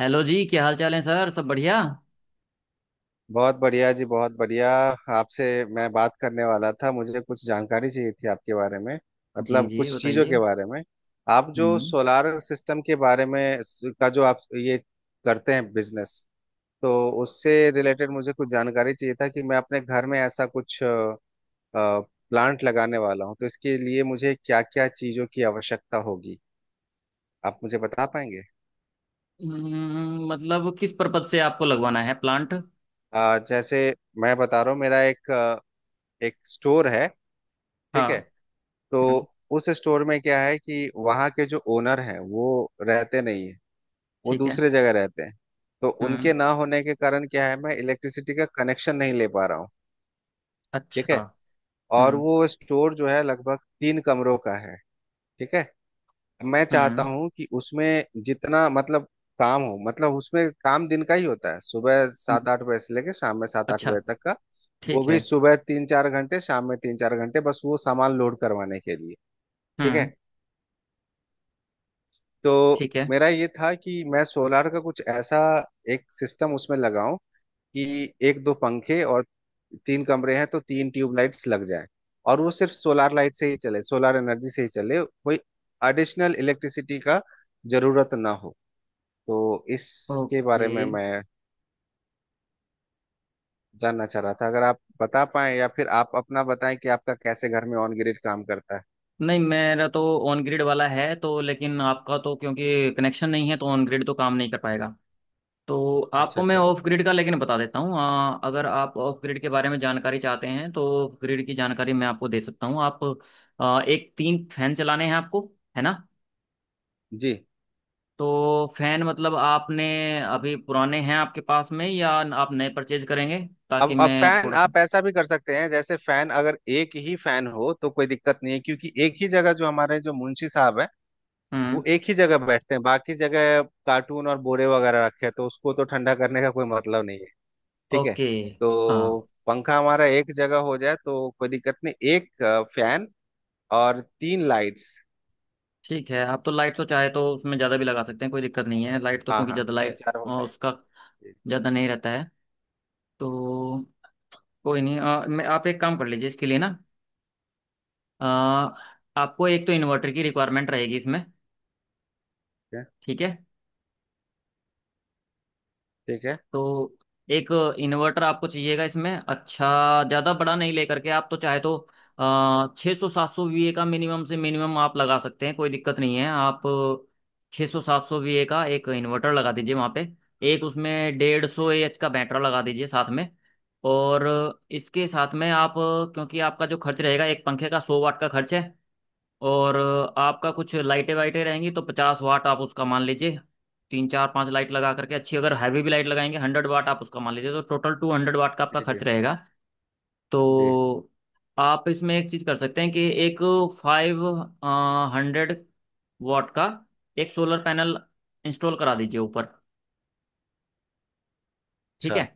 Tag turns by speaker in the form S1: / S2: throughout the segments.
S1: Hello जी, क्या हाल चाल है सर? सब बढ़िया।
S2: बहुत बढ़िया जी, बहुत बढ़िया। आपसे मैं बात करने वाला था, मुझे कुछ जानकारी चाहिए थी आपके बारे में,
S1: जी
S2: मतलब
S1: जी
S2: कुछ चीज़ों के
S1: बताइए।
S2: बारे में। आप जो
S1: हम्म।
S2: सोलार सिस्टम के बारे में का जो आप ये करते हैं बिजनेस, तो उससे रिलेटेड मुझे कुछ जानकारी चाहिए था कि मैं अपने घर में ऐसा कुछ प्लांट लगाने वाला हूँ, तो इसके लिए मुझे क्या क्या चीज़ों की आवश्यकता होगी, आप मुझे बता पाएंगे?
S1: मतलब किस पर्पज से आपको लगवाना है प्लांट?
S2: जैसे मैं बता रहा हूँ, मेरा एक एक स्टोर है। ठीक
S1: हाँ।
S2: है। तो
S1: हम्म,
S2: उस स्टोर में क्या है कि वहाँ के जो ओनर हैं वो रहते नहीं है, वो
S1: ठीक है।
S2: दूसरे जगह रहते हैं। तो उनके
S1: हम्म।
S2: ना होने के कारण क्या है, मैं इलेक्ट्रिसिटी का कनेक्शन नहीं ले पा रहा हूँ। ठीक
S1: अच्छा।
S2: है। और
S1: हम्म
S2: वो स्टोर जो है लगभग 3 कमरों का है। ठीक है। मैं चाहता
S1: हम्म।
S2: हूँ कि उसमें जितना मतलब काम हो, मतलब उसमें काम दिन का ही होता है, सुबह
S1: हम्म,
S2: 7-8 बजे से लेके शाम में सात आठ
S1: अच्छा।
S2: बजे तक का। वो
S1: ठीक
S2: भी
S1: है।
S2: सुबह 3-4 घंटे, शाम में 3-4 घंटे, बस वो सामान लोड करवाने के लिए। ठीक है।
S1: हम्म।
S2: तो
S1: ठीक है।
S2: मेरा ये था कि मैं सोलार का कुछ ऐसा एक सिस्टम उसमें लगाऊं, कि 1-2 पंखे और 3 कमरे हैं तो 3 ट्यूबलाइट्स लग जाए। और वो सिर्फ सोलार लाइट से ही चले, सोलार एनर्जी से ही चले, कोई एडिशनल इलेक्ट्रिसिटी का जरूरत ना हो। तो इसके
S1: ओके।
S2: बारे में मैं जानना चाह रहा था, अगर आप बता पाएं, या फिर आप अपना बताएं कि आपका कैसे घर में ऑन ग्रिड काम करता है।
S1: नहीं, मेरा तो ऑन ग्रिड वाला है, तो लेकिन आपका तो क्योंकि कनेक्शन नहीं है तो ऑन ग्रिड तो काम नहीं कर पाएगा। तो
S2: अच्छा
S1: आपको मैं
S2: अच्छा।
S1: ऑफ ग्रिड का लेकिन बता देता हूँ। अगर आप ऑफ ग्रिड के बारे में जानकारी चाहते हैं तो ऑफ ग्रिड की जानकारी मैं आपको दे सकता हूँ। आप एक तीन फैन चलाने हैं आपको, है ना?
S2: जी।
S1: तो फैन मतलब आपने अभी पुराने हैं आपके पास में या आप नए परचेज करेंगे, ताकि
S2: अब
S1: मैं
S2: फैन
S1: थोड़ा सा।
S2: आप ऐसा भी कर सकते हैं, जैसे फैन अगर एक ही फैन हो तो कोई दिक्कत नहीं है, क्योंकि एक ही जगह जो हमारे जो मुंशी साहब है
S1: हम्म।
S2: वो एक ही जगह बैठते हैं, बाकी जगह कार्टून और बोरे वगैरह रखे हैं, तो उसको तो ठंडा करने का कोई मतलब नहीं है। ठीक है।
S1: ओके।
S2: तो
S1: हाँ।
S2: पंखा हमारा एक जगह हो जाए तो कोई दिक्कत नहीं, एक फैन और 3 लाइट्स।
S1: ठीक है, आप तो लाइट तो चाहे तो उसमें ज़्यादा भी लगा सकते हैं, कोई दिक्कत नहीं है। लाइट तो
S2: हाँ
S1: क्योंकि
S2: हाँ,
S1: ज़्यादा
S2: तीन
S1: लाइट
S2: चार हो जाए।
S1: उसका
S2: ठीक।
S1: ज़्यादा नहीं रहता है। तो कोई नहीं। मैं आप एक काम कर लीजिए इसके लिए ना। अ, आपको एक तो इन्वर्टर की रिक्वायरमेंट रहेगी इसमें।
S2: है
S1: ठीक है।
S2: ठीक है।
S1: तो एक इन्वर्टर आपको चाहिएगा इसमें, अच्छा ज़्यादा बड़ा नहीं। लेकर के आप तो चाहे तो 600 700 वी ए का मिनिमम से मिनिमम आप लगा सकते हैं, कोई दिक्कत नहीं है। आप 600 700 वी ए का एक इन्वर्टर लगा दीजिए वहाँ पे। एक उसमें 150 ए एच का बैटरा लगा दीजिए साथ में। और इसके साथ में आप, क्योंकि आपका जो खर्च रहेगा, एक पंखे का 100 वाट का खर्च है। और आपका कुछ लाइटें वाइटें रहेंगी तो 50 वाट आप उसका मान लीजिए। तीन चार पांच लाइट लगा करके, अच्छी अगर हैवी भी लाइट लगाएंगे, 100 वाट आप उसका मान लीजिए। तो टोटल 200 वाट का आपका
S2: जी जी।
S1: खर्च रहेगा।
S2: जी।
S1: तो आप इसमें एक चीज़ कर सकते हैं कि एक 500 वाट का एक सोलर पैनल इंस्टॉल करा दीजिए ऊपर। ठीक
S2: अच्छा।
S1: है?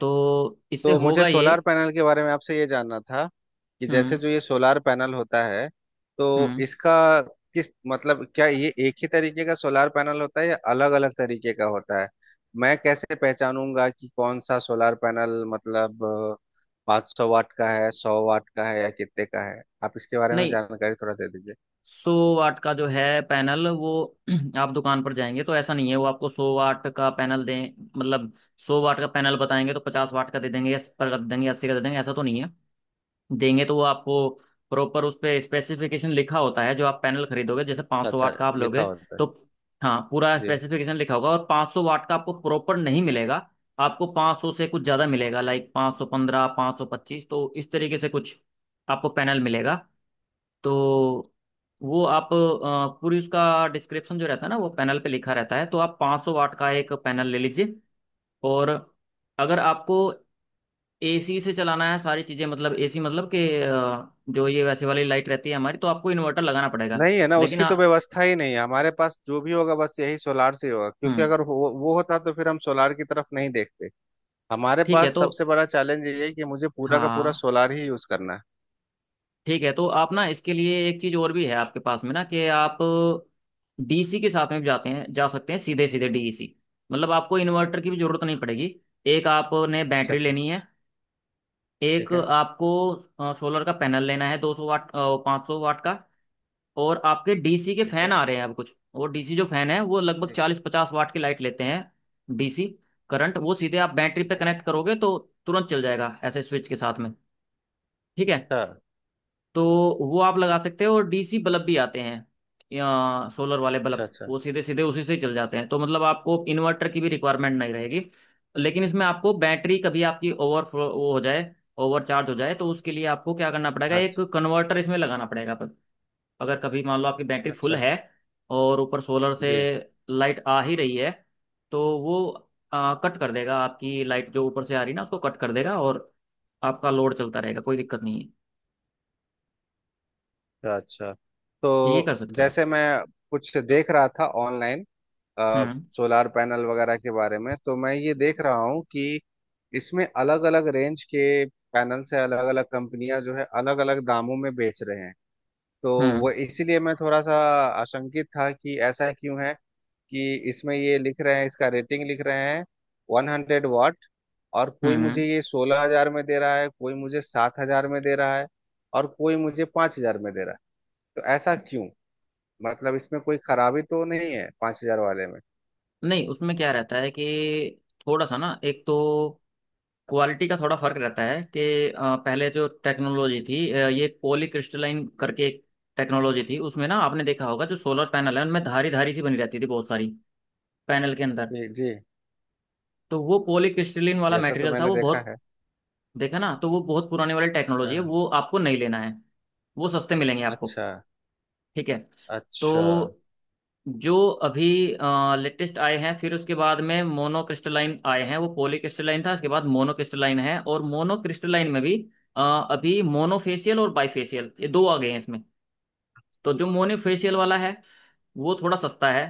S1: तो इससे
S2: तो मुझे
S1: होगा ये।
S2: सोलार पैनल के बारे में आपसे ये जानना था, कि जैसे
S1: हम्म।
S2: जो ये सोलार पैनल होता है, तो
S1: हम्म।
S2: इसका किस मतलब क्या ये एक ही तरीके का सोलार पैनल होता है या अलग अलग तरीके का होता है? मैं कैसे पहचानूंगा कि कौन सा सोलार पैनल मतलब 500 वाट का है, 100 वाट का है, या कितने का है? आप इसके बारे में
S1: नहीं,
S2: जानकारी थोड़ा दे दीजिए।
S1: 100 वाट का जो है पैनल वो आप दुकान पर जाएंगे तो ऐसा नहीं है वो आपको 100 वाट का पैनल दें। मतलब 100 वाट का पैनल बताएंगे तो 50 वाट का दे देंगे या सत्तर का दे देंगे अस्सी का दे देंगे, ऐसा तो नहीं है। देंगे तो वो आपको प्रॉपर, उस पे स्पेसिफिकेशन लिखा होता है। जो आप पैनल खरीदोगे जैसे 500
S2: अच्छा,
S1: वाट का आप
S2: लिखा
S1: लोगे
S2: होता है।
S1: तो, हाँ, पूरा
S2: जी।
S1: स्पेसिफिकेशन लिखा होगा। और 500 वाट का आपको प्रॉपर नहीं मिलेगा। आपको 500 से कुछ ज़्यादा मिलेगा लाइक 515, 525। तो इस तरीके से कुछ आपको पैनल मिलेगा। तो वो आप पूरी उसका डिस्क्रिप्शन जो रहता है ना वो पैनल पे लिखा रहता है। तो आप 500 वाट का एक पैनल ले लीजिए। और अगर आपको एसी से चलाना है सारी चीज़ें, मतलब एसी मतलब कि जो ये वैसे वाली लाइट रहती है हमारी, तो आपको इन्वर्टर लगाना पड़ेगा।
S2: नहीं, है ना,
S1: लेकिन
S2: उसकी तो
S1: हाँ।
S2: व्यवस्था ही नहीं है हमारे पास, जो भी होगा बस यही सोलार से ही होगा, क्योंकि
S1: हम्म।
S2: अगर वो होता तो फिर हम सोलार की तरफ नहीं देखते। हमारे
S1: ठीक है।
S2: पास
S1: तो
S2: सबसे बड़ा चैलेंज ये है कि मुझे पूरा का पूरा
S1: हाँ
S2: सोलार ही यूज करना है।
S1: ठीक है, तो आप ना इसके लिए एक चीज़ और भी है आपके पास में ना, कि आप डीसी के साथ में भी जाते हैं, जा सकते हैं सीधे सीधे डीसी, मतलब आपको इन्वर्टर की भी जरूरत नहीं पड़ेगी। एक आपने
S2: अच्छा
S1: बैटरी
S2: अच्छा।
S1: लेनी है। एक
S2: ठीक है।
S1: आपको सोलर का पैनल लेना है 200 वाट 500 वाट का। और आपके डीसी के
S2: ठीक
S1: फैन
S2: है।
S1: आ रहे हैं अब कुछ। और डीसी जो फैन है वो लगभग
S2: जी।
S1: 40 50 वाट की लाइट लेते हैं। डीसी करंट वो सीधे आप बैटरी पे
S2: ठीक है।
S1: कनेक्ट करोगे तो तुरंत चल जाएगा, ऐसे स्विच के साथ में। ठीक है।
S2: अच्छा
S1: तो वो आप लगा सकते हो। और डीसी बल्ब भी आते हैं, या सोलर वाले
S2: अच्छा
S1: बल्ब
S2: अच्छा।
S1: वो सीधे सीधे उसी से ही चल जाते हैं, तो मतलब आपको इन्वर्टर की भी रिक्वायरमेंट नहीं रहेगी। लेकिन इसमें आपको बैटरी कभी आपकी ओवरफ्लो वो हो जाए, ओवर चार्ज हो जाए, तो उसके लिए आपको क्या करना पड़ेगा, एक
S2: अच्छा
S1: कन्वर्टर इसमें लगाना पड़ेगा अपन-। अगर कभी मान लो आपकी बैटरी फुल
S2: अच्छा।
S1: है और ऊपर सोलर से
S2: जी।
S1: लाइट आ ही रही है, तो वो कट कर देगा। आपकी लाइट जो ऊपर से आ रही है ना उसको कट कर देगा और आपका लोड चलता रहेगा, कोई दिक्कत नहीं
S2: अच्छा अच्छा।
S1: है। ये
S2: तो
S1: कर सकते हो आप।
S2: जैसे मैं कुछ देख रहा था ऑनलाइन,
S1: हम्म।
S2: सोलार पैनल वगैरह के बारे में, तो मैं ये देख रहा हूँ कि इसमें अलग अलग रेंज के पैनल से, अलग अलग कंपनियां जो है अलग अलग दामों में बेच रहे हैं। तो
S1: हम्म।
S2: वो इसीलिए मैं थोड़ा सा आशंकित था कि ऐसा क्यों है, कि इसमें ये लिख रहे हैं, इसका रेटिंग लिख रहे हैं 100 वाट, और कोई मुझे
S1: हम्म।
S2: ये 16,000 में दे रहा है, कोई मुझे 7,000 में दे रहा है, और कोई मुझे 5,000 में दे रहा है। तो ऐसा क्यों, मतलब इसमें कोई खराबी तो नहीं है 5,000 वाले में?
S1: नहीं, उसमें क्या रहता है कि थोड़ा सा ना, एक तो क्वालिटी का थोड़ा फर्क रहता है कि पहले जो टेक्नोलॉजी थी, ये पॉली क्रिस्टलाइन करके एक टेक्नोलॉजी थी। उसमें ना आपने देखा होगा जो सोलर पैनल है उनमें धारी धारी सी बनी रहती थी बहुत सारी पैनल के अंदर।
S2: जी जी।
S1: तो वो पॉली क्रिस्टलाइन वाला
S2: जैसा तो
S1: मटेरियल था
S2: मैंने
S1: वो
S2: देखा
S1: बहुत।
S2: है।
S1: देखा ना, तो वो बहुत पुराने वाली टेक्नोलॉजी
S2: हाँ
S1: है
S2: हाँ।
S1: वो आपको नहीं लेना है। वो सस्ते मिलेंगे आपको।
S2: अच्छा
S1: ठीक है। तो
S2: अच्छा
S1: जो अभी लेटेस्ट आए हैं, फिर उसके बाद में मोनोक्रिस्टलाइन आए हैं। वो पॉलीक्रिस्टलाइन था, उसके बाद मोनोक्रिस्टलाइन है। और मोनोक्रिस्टलाइन में भी अ, अभी मोनोफेशियल और बाइफेशियल, ये दो आ गए हैं इसमें। तो जो मोनोफेशियल वाला है वो थोड़ा सस्ता है।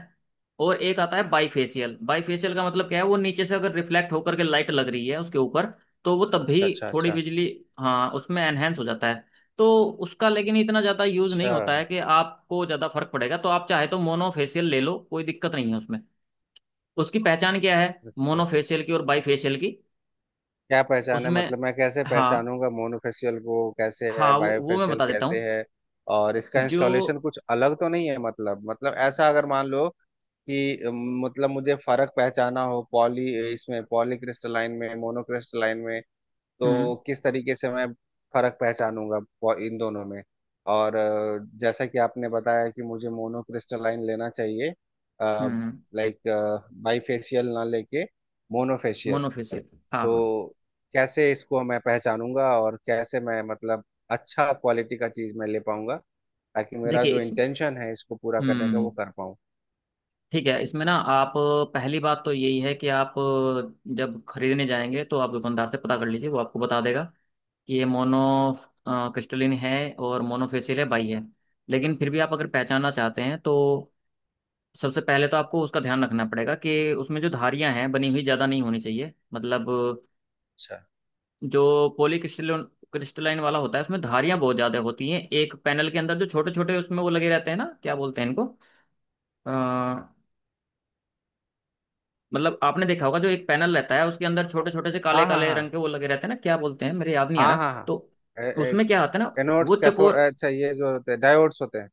S1: और एक आता है बाई फेशियल। बाई फेशियल का मतलब क्या है, वो नीचे से अगर रिफ्लेक्ट होकर के लाइट लग रही है उसके ऊपर, तो वो तब भी
S2: अच्छा।
S1: थोड़ी
S2: अच्छा
S1: बिजली, हाँ उसमें एनहेंस हो जाता है। तो उसका लेकिन इतना ज़्यादा यूज़ नहीं
S2: अच्छा
S1: होता है कि आपको ज़्यादा फर्क पड़ेगा। तो आप चाहे तो मोनो फेशियल ले लो, कोई दिक्कत नहीं है उसमें। उसकी पहचान क्या है
S2: अच्छा
S1: मोनो
S2: अच्छा।
S1: फेशियल की और बाई फेशियल की।
S2: क्या पहचान है,
S1: उसमें,
S2: मतलब मैं कैसे
S1: हाँ
S2: पहचानूंगा, मोनोफेशियल को कैसे है,
S1: हाँ, वो मैं
S2: बायोफेशियल
S1: बता देता
S2: कैसे
S1: हूँ।
S2: है? और इसका
S1: जो,
S2: इंस्टॉलेशन कुछ अलग तो नहीं है, मतलब ऐसा अगर मान लो कि अम, मतलब मुझे फर्क पहचाना हो पॉली क्रिस्टलाइन में मोनो क्रिस्टलाइन में, तो
S1: हम्म।
S2: किस तरीके से मैं फर्क पहचानूंगा इन दोनों में? और जैसा कि आपने बताया कि मुझे मोनो क्रिस्टलाइन लेना चाहिए,
S1: हम्म।
S2: लाइक बाईफेशियल ना लेके
S1: मोनो
S2: मोनोफेशियल।
S1: फेशियल। हाँ
S2: तो
S1: हाँ।
S2: कैसे इसको मैं पहचानूंगा, और कैसे मैं मतलब अच्छा क्वालिटी का चीज मैं ले पाऊंगा, ताकि मेरा
S1: देखिए
S2: जो
S1: इस।
S2: इंटेंशन है इसको पूरा करने का वो
S1: हम्म।
S2: कर पाऊँ।
S1: ठीक है, इसमें ना आप, पहली बात तो यही है कि आप जब खरीदने जाएंगे तो आप दुकानदार से पता कर लीजिए, वो आपको बता देगा कि ये मोनो क्रिस्टलिन है और मोनोफेसिल है बाई है। लेकिन फिर भी आप अगर पहचानना चाहते हैं तो सबसे पहले तो आपको उसका ध्यान रखना पड़ेगा कि उसमें जो धारियां हैं बनी हुई ज़्यादा नहीं होनी चाहिए। मतलब
S2: अच्छा।
S1: जो पॉली क्रिस्टलिन क्रिस्टलाइन वाला होता है उसमें धारियां बहुत ज़्यादा होती हैं एक पैनल के अंदर। जो छोटे छोटे उसमें वो लगे रहते हैं ना, क्या बोलते हैं इनको, मतलब आपने देखा होगा जो एक पैनल रहता है उसके अंदर छोटे छोटे से काले
S2: हाँ हाँ
S1: काले
S2: हाँ।
S1: रंग के वो लगे रहते हैं ना। क्या बोलते हैं, मेरे याद नहीं आ
S2: हाँ
S1: रहा।
S2: हाँ हाँ।
S1: तो उसमें क्या होता है ना वो
S2: एनोड्स कैथोड,
S1: चकोर।
S2: अच्छा ये जो होते हैं डायोड्स होते हैं।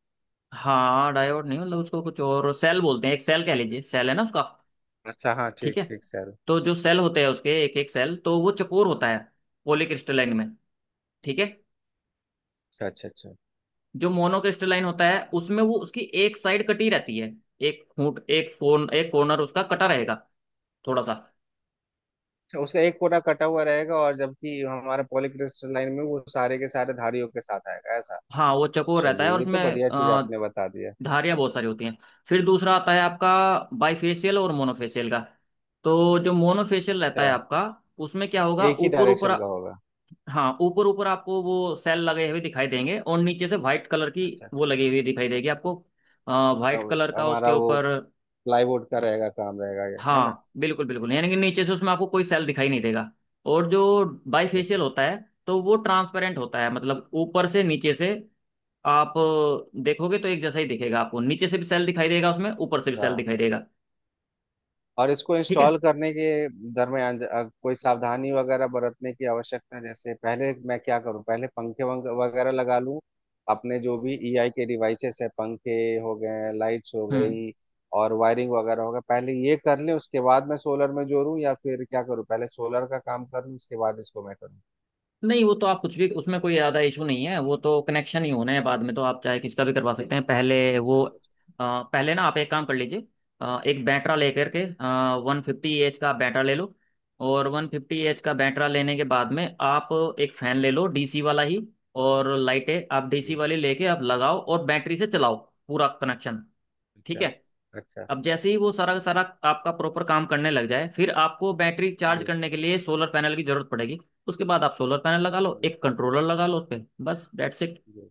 S1: हाँ डायोड नहीं, मतलब उसको कुछ और सेल बोलते हैं। एक सेल कह लीजिए, सेल है ना उसका।
S2: अच्छा, हाँ,
S1: ठीक
S2: ठीक
S1: है।
S2: ठीक सर।
S1: तो जो सेल होते हैं, उसके एक एक सेल तो वो चकोर होता है पॉलीक्रिस्टलाइन में। ठीक है।
S2: अच्छा अच्छा अच्छा।
S1: जो मोनोक्रिस्टलाइन होता है उसमें वो उसकी एक साइड कटी रहती है। एक फूट एक कोन एक कॉर्नर उसका कटा रहेगा थोड़ा सा।
S2: अच्छा, उसका एक कोना कटा हुआ रहेगा, और जबकि हमारा पॉलीक्रिस्टल लाइन में वो सारे के सारे धारियों के साथ आएगा ऐसा।
S1: हाँ वो चकोर रहता है
S2: चलिए,
S1: और
S2: ये तो
S1: उसमें
S2: बढ़िया चीज आपने बता दिया।
S1: धारियाँ बहुत सारी होती हैं। फिर दूसरा आता है आपका बाइफेशियल और मोनोफेशियल का। तो जो मोनोफेशियल रहता
S2: अच्छा।
S1: है आपका, उसमें क्या होगा,
S2: एक ही
S1: ऊपर ऊपर,
S2: डायरेक्शन का होगा।
S1: हाँ ऊपर ऊपर आपको वो सेल लगे हुए दिखाई देंगे और नीचे से व्हाइट कलर की
S2: अच्छा अच्छा।
S1: वो लगी हुई दिखाई देगी आपको, व्हाइट
S2: अब
S1: कलर का उसके
S2: हमारा वो
S1: ऊपर।
S2: प्लाईवुड का रहेगा, काम रहेगा, ये है ना?
S1: हाँ बिल्कुल बिल्कुल, यानी कि नीचे से उसमें आपको कोई सेल दिखाई नहीं देगा। और जो
S2: अच्छा अच्छा
S1: बाइफेशियल होता है, तो वो ट्रांसपेरेंट होता है, मतलब ऊपर से नीचे से आप देखोगे तो एक जैसा ही दिखेगा। आपको नीचे से भी सेल दिखाई देगा उसमें, ऊपर से भी
S2: अच्छा।
S1: सेल दिखाई देगा।
S2: और इसको
S1: ठीक है।
S2: इंस्टॉल करने के दरमियान कोई सावधानी वगैरह बरतने की आवश्यकता? जैसे पहले मैं क्या करूं, पहले पंखे वगैरह लगा लूं, अपने जो भी ईआई के डिवाइसेस है पंखे हो गए, लाइट्स हो
S1: हम्म।
S2: गई, और वायरिंग वगैरह हो गया, पहले ये कर लें उसके बाद मैं सोलर में जोड़ूं? या फिर क्या करूं, पहले सोलर का काम कर लूं उसके बाद इसको मैं करूं?
S1: नहीं, वो तो आप कुछ भी, उसमें कोई ज़्यादा इशू नहीं है। वो तो कनेक्शन ही होना है बाद में, तो आप चाहे किसका भी करवा सकते हैं पहले, वो
S2: अच्छा अच्छा
S1: पहले ना आप एक काम कर लीजिए। एक बैटरा लेकर के 150 एच का बैटरा ले लो। और 150 एच का बैटरा लेने के बाद में आप एक फ़ैन ले लो डीसी वाला ही। और लाइटें आप
S2: अच्छा।
S1: डीसी
S2: जी।
S1: वाली लेके आप लगाओ और बैटरी से चलाओ पूरा कनेक्शन। ठीक
S2: अच्छा
S1: है।
S2: अच्छा।
S1: अब जैसे ही वो सारा का सारा आपका प्रॉपर काम करने लग जाए, फिर आपको बैटरी चार्ज
S2: जी
S1: करने के लिए सोलर पैनल की जरूरत पड़ेगी। उसके बाद आप सोलर पैनल लगा लो,
S2: जी।
S1: एक कंट्रोलर लगा लो उस पर। बस दैट्स इट।
S2: जी।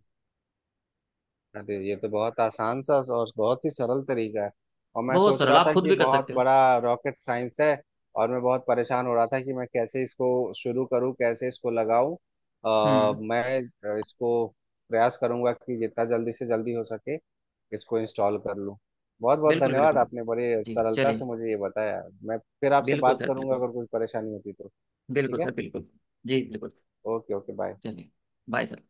S2: अरे, ये तो बहुत आसान सा और बहुत ही सरल तरीका है। और मैं
S1: बहुत
S2: सोच
S1: सरल,
S2: रहा
S1: आप
S2: था
S1: खुद
S2: कि
S1: भी कर
S2: बहुत
S1: सकते हो।
S2: बड़ा रॉकेट साइंस है। और मैं बहुत परेशान हो रहा था कि मैं कैसे इसको शुरू करूं, कैसे इसको लगाऊं।
S1: हम्म।
S2: मैं इसको प्रयास करूंगा कि जितना जल्दी से जल्दी हो सके इसको इंस्टॉल कर लूं। बहुत बहुत
S1: बिल्कुल
S2: धन्यवाद,
S1: बिल्कुल बिल्कुल।
S2: आपने बड़े
S1: जी
S2: सरलता से
S1: चलिए।
S2: मुझे ये बताया। मैं फिर आपसे
S1: बिल्कुल
S2: बात
S1: सर
S2: करूंगा
S1: बिल्कुल।
S2: अगर कोई परेशानी होती तो। ठीक
S1: बिल्कुल सर
S2: है।
S1: बिल्कुल। जी बिल्कुल।
S2: Okay okay, bye.
S1: चलिए। Bye sir.